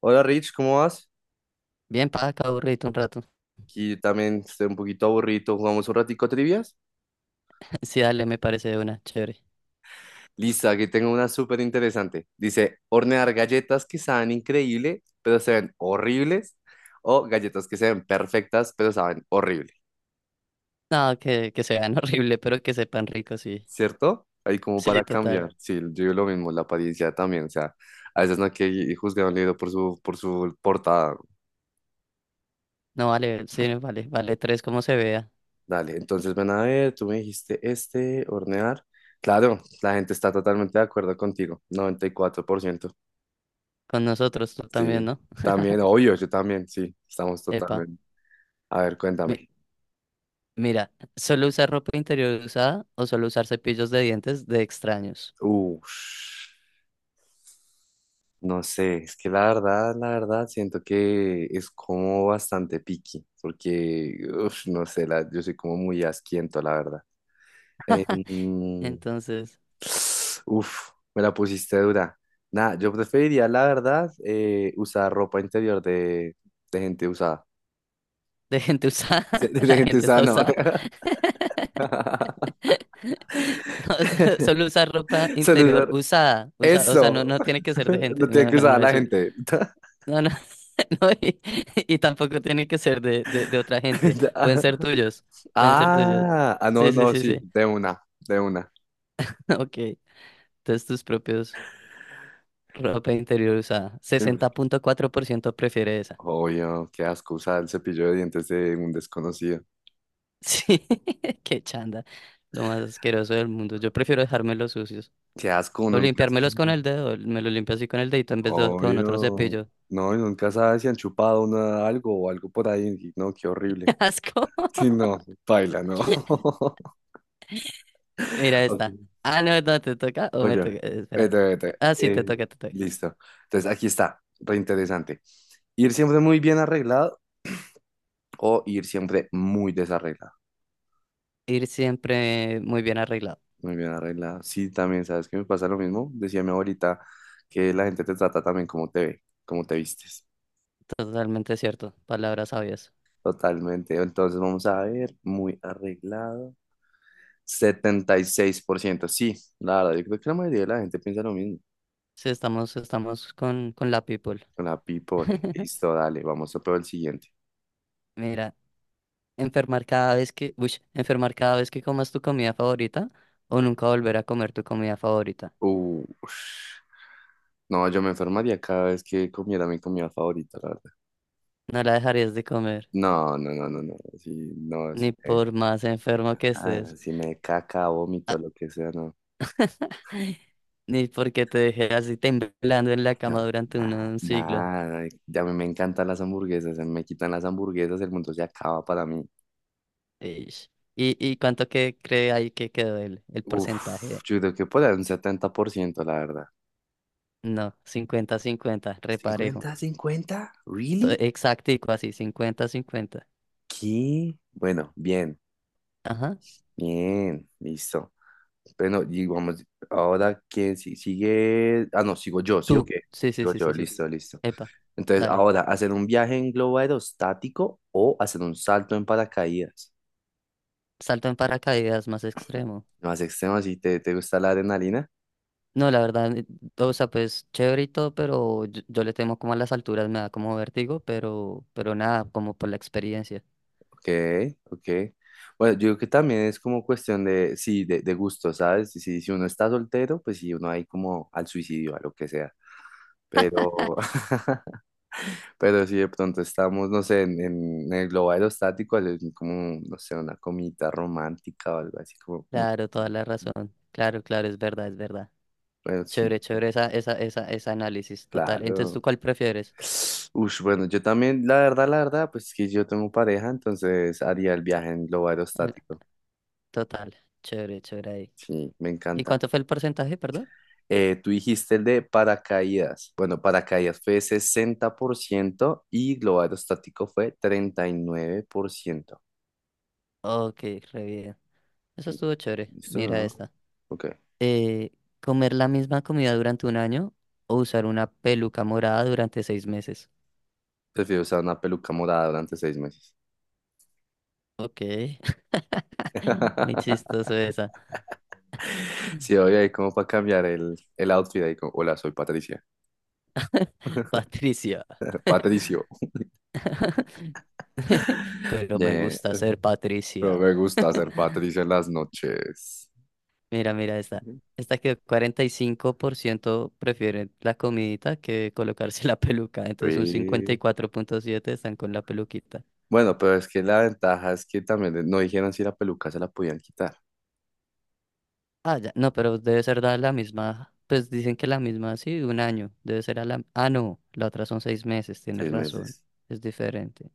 Hola Rich, ¿cómo vas? Bien, para acá aburrido un rato. Aquí también estoy un poquito aburrido. ¿Jugamos un ratico trivias? Sí, dale, me parece de una, chévere. Lista, aquí tengo una súper interesante. Dice, hornear galletas que saben increíble, pero se ven horribles, o galletas que se ven perfectas, pero saben horrible, No, que se vean horrible, pero que sepan rico, sí. ¿cierto? Ahí como Sí, para total. cambiar. Sí, yo digo lo mismo, la apariencia también. O sea, a veces no hay que juzgar un libro por su portada. No vale, sí, vale, vale tres como se vea. Dale, entonces ven a ver, tú me dijiste este, hornear. Claro, la gente está totalmente de acuerdo contigo, noventa y cuatro por ciento. Con nosotros, tú también, Sí, ¿no? también, obvio, yo también, sí, estamos Epa. totalmente. A ver, Mi- cuéntame. Mira, solo usar ropa interior usada o solo usar cepillos de dientes de extraños. Uf, no sé, es que la verdad, siento que es como bastante picky, porque, uf, no sé, yo soy como muy asquiento, la verdad. Eh, mm, Entonces, Uf, me la pusiste dura. Nada, yo preferiría, la verdad, usar ropa interior de gente usada. de gente usada, De, la gente gente usada, está no. usada. No, solo usar ropa Solo interior usar, usada. Usa, o sea, no, eso. no tiene que ser de gente. Lo tiene No, que no, usar no la es. gente. No, no, no, y tampoco tienen que ser de otra gente. Pueden ser tuyos. Pueden ser tuyos. Ah, ah, no, Sí, sí, no, sí, sí, sí. de una, de una. Ok. Entonces tus propios ropa interior usada. 60.4% prefiere esa. Obvio, qué asco usar el cepillo de dientes de un desconocido. Sí, qué chanda. Lo más asqueroso del mundo. Yo prefiero dejarme los sucios. Qué asco, O uno nunca limpiármelos sabe. con el dedo. Me lo limpio así con el dedito en vez de con otro Obvio. cepillo. No, y nunca sabe si han chupado uno algo o algo por ahí. Y no, qué horrible. Asco. Sí, no, baila, no. Mira Ok. esta. Ah, no, no, te toca o me Oye, toca. Espera. vete, vete. Ah, sí, te Eh, toca, te toca. listo. Entonces, aquí está, reinteresante. Ir siempre muy bien arreglado o ir siempre muy desarreglada, Ir siempre muy bien arreglado. muy bien arreglada. Sí, también, ¿sabes qué me pasa lo mismo? Decía mi abuelita que la gente te trata también como te ve, como te vistes. Totalmente cierto, palabras sabias. Totalmente. Entonces vamos a ver, muy arreglado. Setenta y seis por ciento sí, la verdad, yo creo que la mayoría de la gente piensa lo mismo. Sí, estamos, estamos con la people. La people, listo, dale, vamos a probar el siguiente. Mira, enfermar cada vez que, uy, enfermar cada vez que comas tu comida favorita o nunca volver a comer tu comida favorita. Uh, no, yo me enfermaría cada vez que comiera mi comida favorita, la verdad. No la dejarías de comer, No, no, no, no, no, sí, no, sí, ni por más enfermo que estés, si me caca, vómito, lo que sea, no. ni porque te dejé así temblando en la No, cama durante un, nada, un siglo. nada. Ya me encantan las hamburguesas. Se me quitan las hamburguesas, el mundo se acaba para mí. Ish. Y cuánto que cree ahí que quedó el Uf, porcentaje? yo creo que por ahí un 70%, la verdad. No, cincuenta cincuenta reparejo. ¿50, 50-50 really? Exactico, así, cincuenta cincuenta. ¿Qué? Bueno, bien, Ajá. bien, listo. Bueno, y vamos, ahora quién sigue. Ah, no, sigo yo, ¿sí o Tú. qué? Sí, sí, Sigo sí, yo, sí, sí. listo, listo. Epa. Entonces, Dale. ahora, ¿hacer un viaje en globo aerostático o hacer un salto en paracaídas? Salto en paracaídas más extremo. Más extremo, si te gusta la adrenalina. No, la verdad, o sea, pues chévere y todo, pero yo le temo como a las alturas, me da como vértigo, pero nada, como por la experiencia. Ok, ok. Bueno, yo creo que también es como cuestión de, sí, de gusto, ¿sabes? Si uno está soltero, pues sí, uno ahí como al suicidio, a lo que sea. Pero, pero si de pronto estamos, no sé, el globo aerostático, como, no sé, una comidita romántica o algo así, como, Claro, toda la mm, razón. Claro, claro, es verdad, es verdad. bueno, sí, Chévere, chévere esa, esa, esa, ese análisis, total. Entonces, ¿tú claro. cuál prefieres? Ush, bueno, yo también, la verdad, pues que yo tengo pareja, entonces haría el viaje en globo El- aerostático. Total, chévere, chévere ahí. Sí, me ¿Y encanta. cuánto fue el porcentaje, perdón? Tú dijiste el de paracaídas. Bueno, paracaídas fue 60% y globo aerostático fue 39%. Ok, re bien. Eso estuvo chévere. ¿Listo? Mira ¿No? esta. Ok. eh, comer la misma comida durante un año o usar una peluca morada durante seis meses. Prefiero usar una peluca morada durante 6 meses. Ok, muy chistoso esa. Sí, oye, ahí como para cambiar el outfit. Ahí como, hola, soy Patricia. Patricia. Patricio. Pero me Yeah. gusta ser No Patricia. me gusta ser Patricia en las noches. Mira, mira esta. Esta que 45% prefieren la comidita que colocarse la peluca. Entonces un Free. 54.7 están con la peluquita. Bueno, pero es que la ventaja es que también no dijeron si la peluca se la podían quitar. Ah, ya. No, pero debe ser dada la misma. Pues dicen que la misma, sí, un año. Debe ser a la. Ah, no, la otra son seis meses, tienes Seis razón. meses. Es diferente.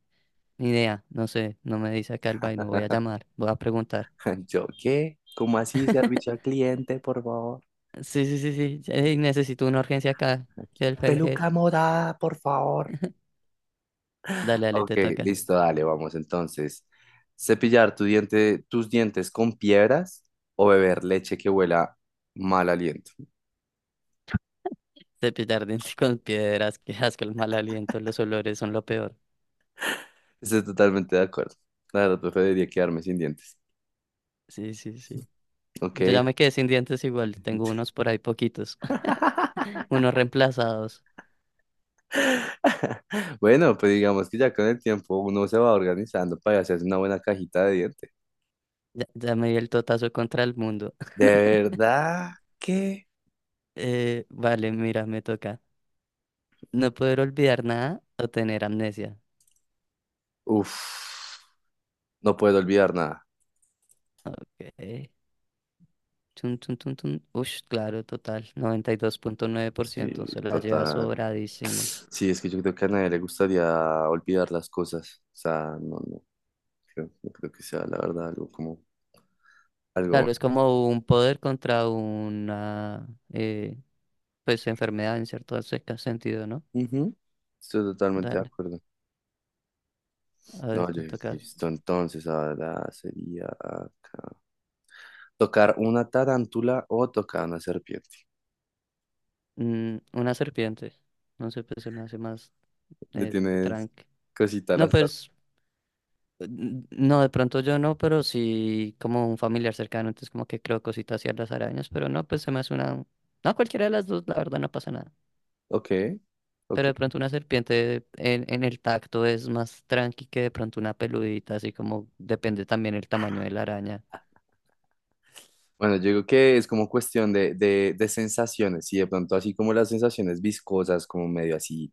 Ni idea, no sé, no me dice acá el vaino. Voy a llamar, voy a preguntar. Yo, ¿qué? ¿Cómo así? Servicio al cliente, por favor. Sí, sí, sí, sí. Ey, necesito una urgencia acá. Aquí, una Help, help, help. peluca morada, por favor. Dale, dale, Ok, te toca. listo, dale, vamos entonces. Cepillar tus dientes con piedras o beber leche que huela mal aliento. Cepillar dientes con piedras, que asco, el mal aliento, los olores son lo peor. Estoy totalmente de acuerdo. La verdad, preferiría quedarme sin dientes. Sí, sí, sí. Ok. Yo ya me quedé sin dientes igual, tengo unos por ahí poquitos, unos reemplazados. Bueno, pues digamos que ya con el tiempo uno se va organizando para hacerse una buena cajita de dientes. Ya, ya me di el totazo contra el mundo. De verdad que... Vale, mira, me toca. No poder olvidar nada o tener amnesia. Uf, no puedo olvidar nada. Ok. Chun, chun, chun, chun. Ush, claro, total. noventa y dos punto nueve por Sí, ciento Se la lleva total. sobradísimo. Sí, es que yo creo que a nadie le gustaría olvidar las cosas. O sea, no, no, no creo que sea la verdad algo como algo. Claro, es como un poder contra una eh, pues enfermedad en cierto sentido, ¿no? Bueno. Ujú, estoy totalmente de Dale. acuerdo. A ver, No, yo te toca. listo. Entonces, ahora sería acá. Tocar una tarántula o tocar una serpiente. Mm, una serpiente. No sé, pues se me hace más Le tienes tranqui. cosita a No, las tar- pues no, de pronto yo no, pero sí como un familiar cercano, entonces como que creo cositas así a las arañas, pero no, pues se me hace una... No, cualquiera de las dos, la verdad no pasa nada. Ok, ok. Pero de pronto una serpiente en el tacto es más tranqui que de pronto una peludita, así como depende también el tamaño de la araña. Bueno, yo digo que es como cuestión de sensaciones, y de pronto así como las sensaciones viscosas, como medio así,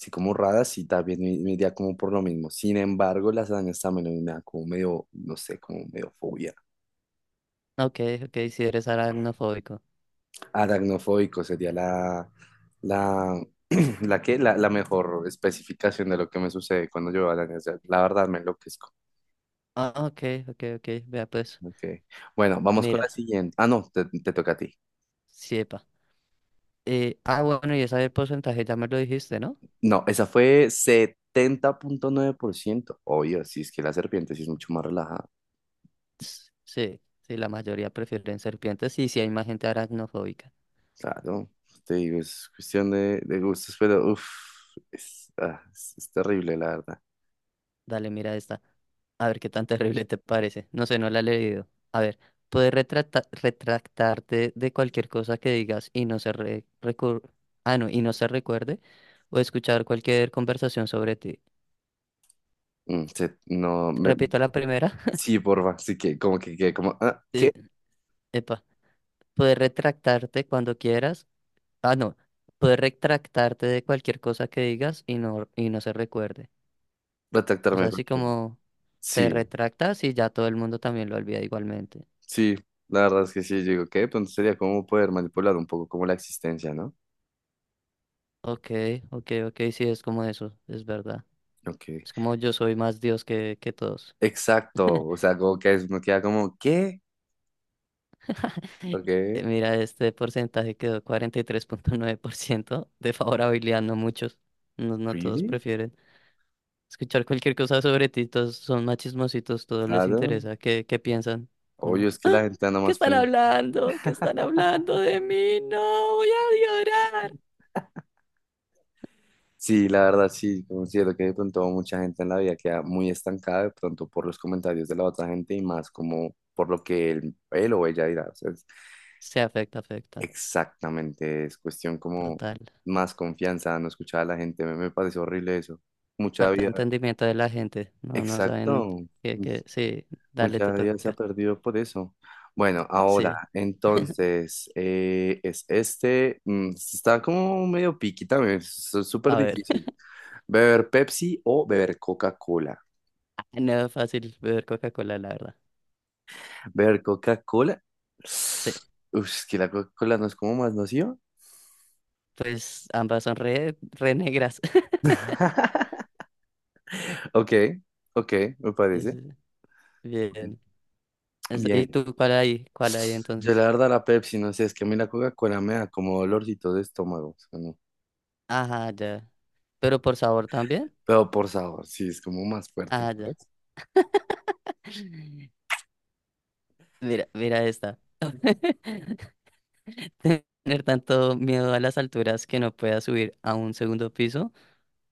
así como raras, sí, también me iría como por lo mismo. Sin embargo, las arañas también me dan como medio, no sé, como medio fobia. Ok, ok, si eres aracnofóbico. Aracnofóbico sería la, la mejor especificación de lo que me sucede cuando yo veo arañas. O sea, la verdad me enloquezco. Ah, ok, ok, ok, vea pues. Ok. Bueno, vamos con Mira, la siguiente. Ah, no, te toca a ti. siepa. Bueno, y esa del porcentaje ya me lo dijiste, ¿no? No, esa fue 70.9%. Obvio, si es que la serpiente sí es mucho más relajada. Sí, sí, la mayoría prefieren serpientes y sí hay más gente aracnofóbica. Claro, te digo, es cuestión de gustos, pero uff, es terrible, la verdad. Dale, mira esta. A ver qué tan terrible te parece. No sé, no la he leído. A ver, puedes retractarte de cualquier cosa que digas y no se recuerde, o escuchar cualquier conversación sobre ti. No, me, Repito la primera. sí, porfa, sí que como, ¿qué? Eh, Epa, puedes retractarte cuando quieras. Ah, no, puedes retractarte de cualquier cosa que digas y no se recuerde. O sea, Retractarme. Así como te Sí, retractas y ya todo el mundo también lo olvida igualmente. sí, la verdad es que sí, yo digo, ¿qué? Pues entonces sería como poder manipular un poco como la existencia, ¿no? Ok, ok, ok, sí, es como eso, es verdad. Ok, Es como yo soy más Dios que todos. exacto, o sea, como que me queda como, ¿qué? Ok, Mira, este porcentaje quedó 43.9% de favorabilidad, no muchos. No, no todos ¿really? prefieren escuchar cualquier cosa sobre ti, todos son más chismositos, todos les Claro. interesa qué, qué piensan. Obvio, Como, es que la gente anda ¿qué más están con... hablando? ¿Qué están hablando de mí? No, voy a llorar. Sí, la verdad, sí, considero que de pronto mucha gente en la vida queda muy estancada de pronto por los comentarios de la otra gente y más como por lo que él o ella dirá. O sea, Se afecta, afecta. exactamente, es cuestión como Total. más confianza, no escuchar a la gente. Me parece horrible eso. Mucha Falta de vida, entendimiento de la gente. No, no saben exacto, que sí, dale, mucha te vida se ha toca. perdido por eso. Bueno, ahora, Sí, entonces, es este, está como medio piqui también, es súper a ver. difícil. ¿Beber Pepsi o beber Coca-Cola? No es fácil beber Coca-Cola, la verdad. ¿Beber Coca-Cola? Sí, Uf, es que la Coca-Cola no es como más nociva. pues ambas son re, re negras. Ok, ok, me Sí, parece. sí, sí. Ok. Bien. Bien. ¿Y tú cuál hay? ¿Cuál hay Yo la entonces? verdad la Pepsi, no sé, es que a mí la Coca-Cola me da como dolorcito de estómago. O sea, no. Ajá, ya. ¿Pero por sabor también? Pero por sabor, sí, es como más fuerte, Ah, ya. ¿sabes? Mira, mira esta. Tener tanto miedo a las alturas que no pueda subir a un segundo piso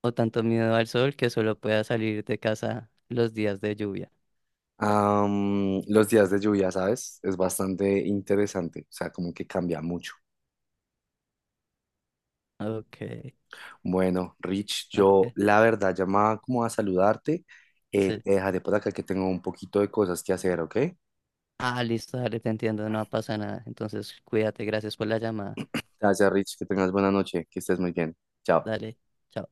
o tanto miedo al sol que solo pueda salir de casa los días de lluvia. Los días de lluvia, ¿sabes? Es bastante interesante, o sea, como que cambia mucho. Ok, Bueno, Rich, yo ok. la verdad llamaba como a saludarte. Eh, Sí. te dejaré por acá que tengo un poquito de cosas que hacer, ¿ok? Ah, listo, dale, te entiendo, no pasa nada. Entonces, cuídate, gracias por la llamada. Gracias, Rich, que tengas buena noche, que estés muy bien. Chao. Dale. Chao.